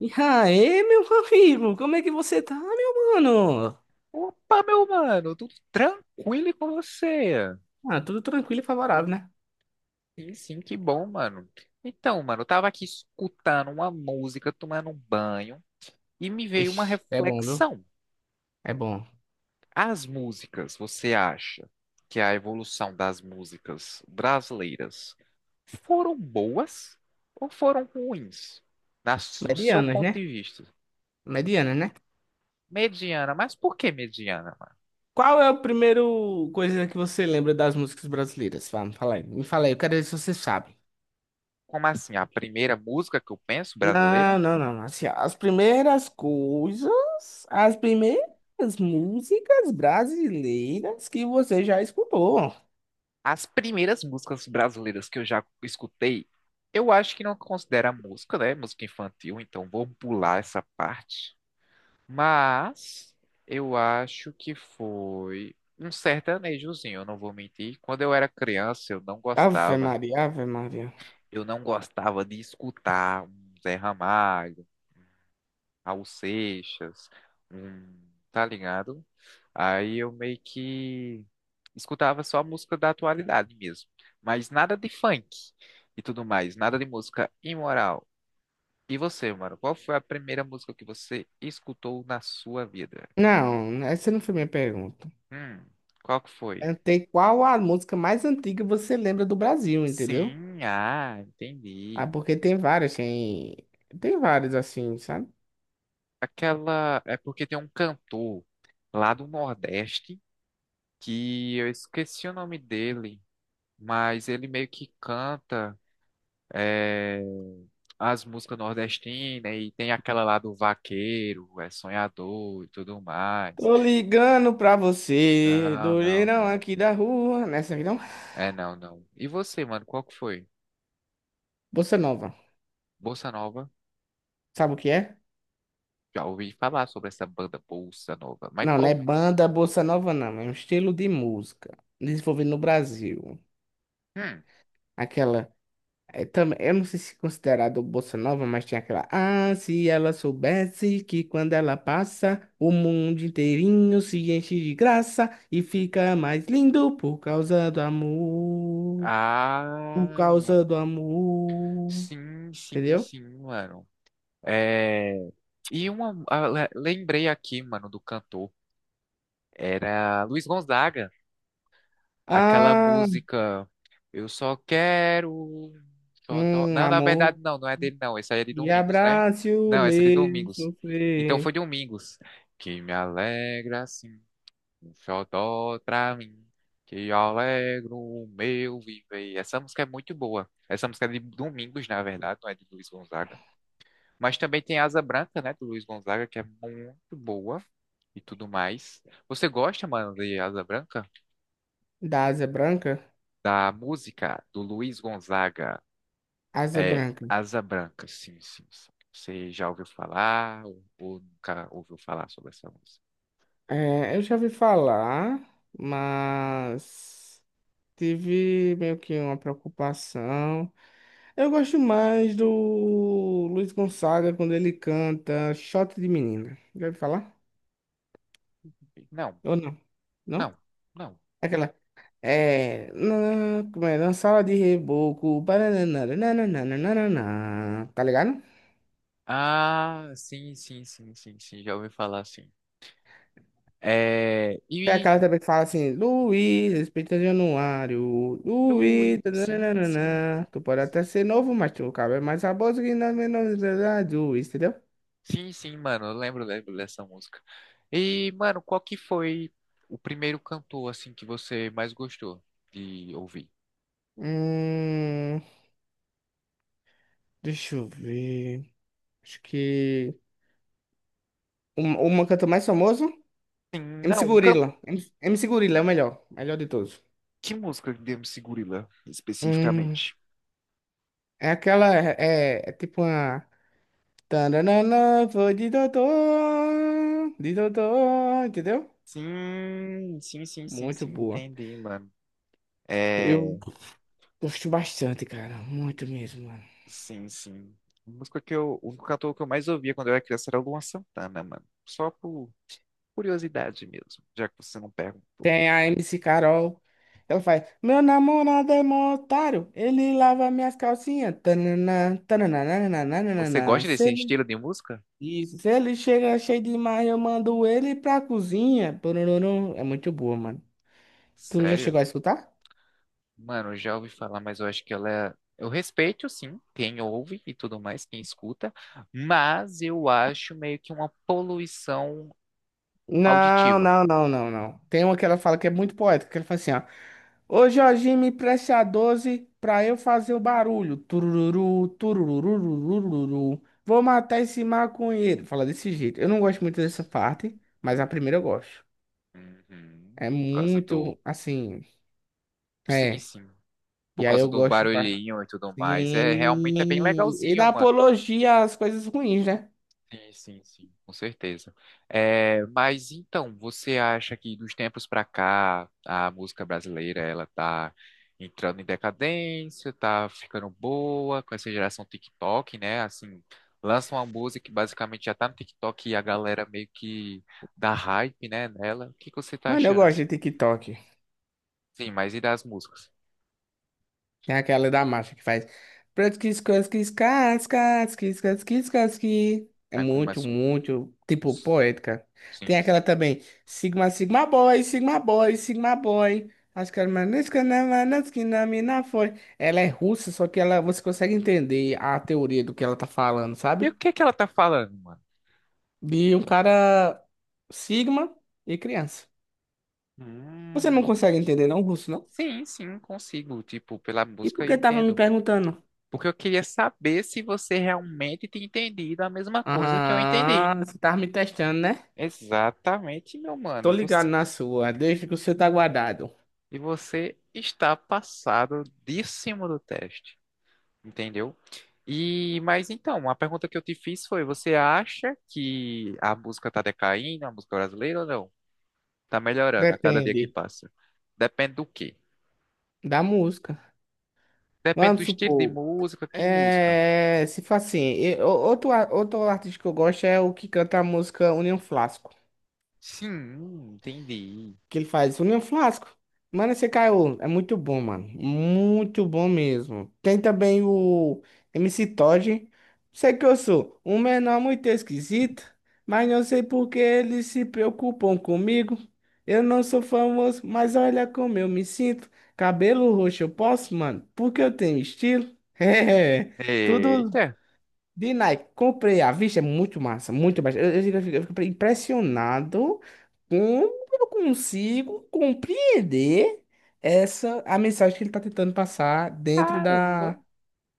E aí, meu amigo, como é que você tá, meu mano? Opa, meu mano, tudo tranquilo e com você? Ah, tudo tranquilo e favorável, né? Sim, sim, que bom, mano. Então, mano, eu tava aqui escutando uma música, tomando um banho, e me veio uma Ixi, é bom, viu? reflexão. É bom. As músicas, você acha que a evolução das músicas brasileiras foram boas ou foram ruins? Na, no seu Medianas, ponto né? de vista. Medianas, né? Mediana, mas por que mediana, mano? Qual é a primeira coisa que você lembra das músicas brasileiras? Vamos, fala aí. Me fala aí, eu quero ver se você sabe. Como assim? A primeira música que eu penso brasileira? Não, não, não. Assim, ó, as primeiras coisas, as primeiras músicas brasileiras que você já escutou. As primeiras músicas brasileiras que eu já escutei, eu acho que não considera música, né? Música infantil, então vamos pular essa parte. Mas eu acho que foi um sertanejozinho, eu não vou mentir. Quando eu era criança, eu não Ave gostava. Maria, Ave Maria. Eu não gostava de escutar um Zé Ramalho, Raul Seixas, um, tá ligado? Aí eu meio que escutava só música da atualidade mesmo, mas nada de funk e tudo mais, nada de música imoral. E você, mano, qual foi a primeira música que você escutou na sua vida? Não, essa não foi minha pergunta. Hum, qual que foi? Perguntei qual a música mais antiga você lembra do Brasil, entendeu? Sim, ah, Ah, entendi. porque tem várias, tem várias assim, sabe? Aquela é porque tem um cantor lá do Nordeste que eu esqueci o nome dele, mas ele meio que canta é, as músicas nordestinas e tem aquela lá do vaqueiro, é sonhador e tudo mais. Tô ligando pra você, Não, do não, leirão não. aqui da rua. Nessa aqui não? É, não, não. E você, mano, qual que foi? Bossa Nova. Bossa Nova? Sabe o que é? Já ouvi falar sobre essa banda Bossa Nova, mas Não, não é qual? banda Bossa Nova, não. É um estilo de música desenvolvido no Brasil. Hum. Aquela. É, eu não sei se é considerado bossa nova, mas tinha aquela. Ah, se ela soubesse que quando ela passa, o mundo inteirinho se enche de graça e fica mais lindo por causa do amor. Por Ah, causa do amor. sim, sim, Entendeu? sim, mano. É... E lembrei aqui, mano, do cantor. Era Luiz Gonzaga. Aquela Ah, música Eu só quero. Só um Não, na verdade, amor não, não é dele, não. Essa aí é de e Domingos, né? abrace o Não, essa é de meu Domingos. Então foi sofrer. Domingos. Que me alegra assim, um xodó pra mim. Que alegro o meu viver. Essa música é muito boa. Essa música é de Domingos, na verdade, não é de Luiz Gonzaga. Mas também tem Asa Branca, né, do Luiz Gonzaga, que é muito boa e tudo mais. Você gosta, mano, de Asa Branca, Da Asa Branca? da música do Luiz Gonzaga? Asa É Branca. Asa Branca. Sim, sim, sim. Você já ouviu falar ou nunca ouviu falar sobre essa música? É, eu já ouvi falar, mas. Tive meio que uma preocupação. Eu gosto mais do Luiz Gonzaga quando ele canta Shot de Menina. Já ouviu falar? Não, Ou não? não, Não? não. Aquela. É. Na, como é? Na sala de reboco. Baranana, nananana, tá ligado? Ah, sim, sim, sim, sim, sim, já ouvi falar, sim. É, Tem e, aquela também que fala assim: Luiz, respeita Januário. ui, Luiz. sim, sim, Nananana, tu pode até ser novo, mas tu cabe mais a bosta que na menor idade, Luiz, entendeu? sim, sim, mano, eu lembro, dessa música. E, mano, qual que foi o primeiro cantor, assim, que você mais gostou de ouvir? Hum. Deixa eu ver. Acho que. Um, uma cantor mais famoso? Sim, não, MC Gorilla. MC Gorilla é o melhor. Melhor de todos. que música de MC Gorilla, Hum, especificamente? é aquela. É tipo uma. Tananana, vou de doutor. De doutor, entendeu? Sim, sim, sim, sim, Muito sim, boa. entendi, mano. Eu É, gosto bastante, cara. Muito mesmo, mano. sim, sim. A música que eu, O único cantor que eu mais ouvia quando eu era criança era o Luan Santana, mano. Só por curiosidade mesmo, já que você não perguntou. Tem a MC Carol. Ela faz. Meu namorado é mó otário. Ele lava minhas calcinhas. Tananã, tananã, nananã, Você nananã. gosta desse estilo de música? Isso. Se ele chega cheio demais, eu mando ele pra cozinha. Pororom. É muito boa, mano. Tu já chegou Sério? a escutar? Mano, eu já ouvi falar, mas eu acho que eu respeito, sim, quem ouve e tudo mais, quem escuta, mas eu acho meio que uma poluição Não, auditiva. não, não, não, não. Tem uma que ela fala que é muito poética, que ela fala assim, ó. Ô Jorginho, me preste a 12 pra eu fazer o barulho. Turururu, tururururururu. Vou matar esse maconheiro. Fala desse jeito. Eu não gosto muito dessa parte, mas a Hum. primeira eu gosto. Uhum. É Por causa do. muito, assim, Sim, é. sim. Por E aí causa eu do gosto, barulhinho e tudo mais. É, realmente é bem sim. E legalzinho, dá mano. apologia às coisas ruins, né? Sim, sim, sim. Com certeza. É, mas então, você acha que dos tempos pra cá, a música brasileira, ela tá entrando em decadência, tá ficando boa com essa geração TikTok, né? Assim, lança uma música que basicamente já tá no TikTok e a galera meio que dá hype, né, nela. O que que você tá Mano, eu achando gosto assim? de TikTok. Sim, mas e das músicas? Tem aquela da marcha que faz. Pratkis, kaskis, kaskis, kis, kaskis, kaski. É Aí muito, começa. muito, tipo, poética. Tem Sim, aquela sim. também. Sigma, Sigma Boy, Sigma Boy, Sigma Boy. Acho que era Manesca, na mina foi. Ela é russa, só que ela, você consegue entender a teoria do que ela tá falando, E sabe? o que é que ela tá falando, mano? De um cara Sigma e criança. Você não Hum. consegue entender, não, russo, não? Sim, sim, consigo. Tipo, pela E por música eu que tava me entendo. perguntando? Porque eu queria saber se você realmente tinha entendido a mesma coisa que eu entendi. Aham, você tava me testando, né? Exatamente, meu mano. Tô E ligado você, na sua, desde que você tá guardado. e você está passado de cima do teste, entendeu? E, mas então, a pergunta que eu te fiz foi: você acha que a música tá decaindo, a música brasileira ou não? Tá melhorando a cada dia que Depende passa. Depende do quê? da música. Depende do Vamos estilo de supor, música, que música? Se faz assim, outro, outro artista que eu gosto é o que canta a música União Flasco. Sim, entendi. Que ele faz? União Flasco. Mano, esse caiu. É muito bom, mano. Muito bom mesmo. Tem também o MC Todd. Sei que eu sou um menor muito esquisito, mas não sei por que eles se preocupam comigo. Eu não sou famoso, mas olha como eu me sinto. Cabelo roxo eu posso, mano, porque eu tenho estilo. É, tudo Eita, de Nike, comprei à vista, é muito massa, muito massa. Fico- eu fico impressionado como eu consigo compreender essa a mensagem que ele está tentando passar dentro caramba. da,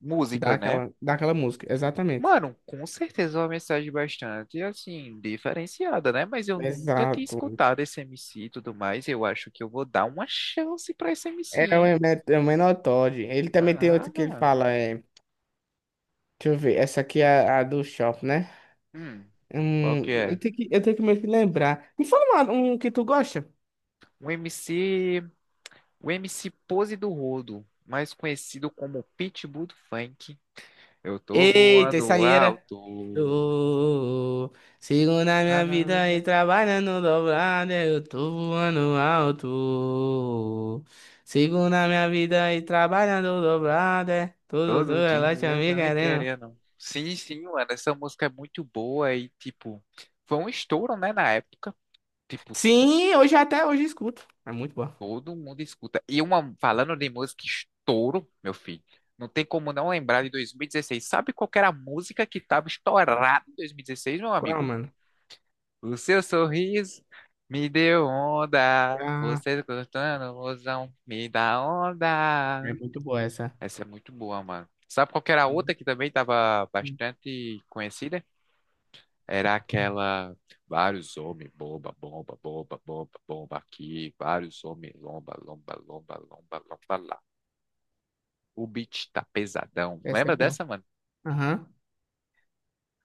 Música, né? Daquela música. Exatamente. Mano, com certeza é uma mensagem bastante, assim, diferenciada, né? Mas eu nunca tinha Exato. escutado esse MC e tudo mais. Eu acho que eu vou dar uma chance pra esse MC, É o hein? É o Menor Todd. Ele também tem Ah, outro que ele fala, é, deixa eu ver, essa aqui é a do Shop, né? hum, qual que é? Eu tenho que meio que lembrar. Me fala um que tu gosta. O MC, o MC Pose do Rodo, mais conhecido como Pitbull do Funk. Eu tô Eita, isso voando aí era. alto. Tô, sigo na minha vida e trabalhando dobrado, eu tô voando alto. Sigo na minha vida e trabalhando dobrado, é tudo, tudo, Todo ela te dia eu me não me querendo. querendo. Sim, sim, mano. Essa música é muito boa e, tipo, foi um estouro, né, na época. Tipo, Sim, hoje até hoje escuto. É muito boa. todo mundo escuta. E uma, falando de música, estouro, meu filho. Não tem como não lembrar de 2016. Sabe qual que era a música que tava estourada em 2016, meu Qual, amigo? mano? O seu sorriso me deu onda. Ah, Você cantando, mozão, me dá é onda. muito boa essa. Essa é muito boa, mano. Sabe qual que era a outra que também tava bastante conhecida? Era aquela vários homens, bomba, bomba, bomba, bomba, bomba aqui, vários homens, lomba, lomba, lomba, lomba, lomba lá. O beat tá pesadão. Essa é Lembra boa. dessa, mano? Aham.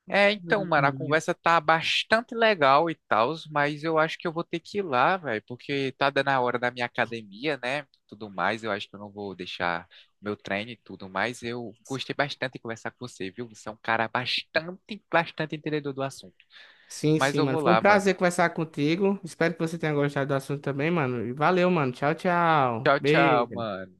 É, então, mano, a conversa tá bastante legal e tal, mas eu acho que eu vou ter que ir lá, velho, porque tá dando a hora da minha academia, né? Tudo mais, eu acho que eu não vou deixar meu treino e tudo mais. Eu gostei bastante de conversar com você, viu? Você é um cara bastante, bastante entendedor do assunto. Sim, Mas sim, eu mano. vou Foi um lá, mano. prazer conversar contigo. Espero que você tenha gostado do assunto também, mano. E valeu, mano. Tchau, tchau. Tchau, tchau, Beijo. mano.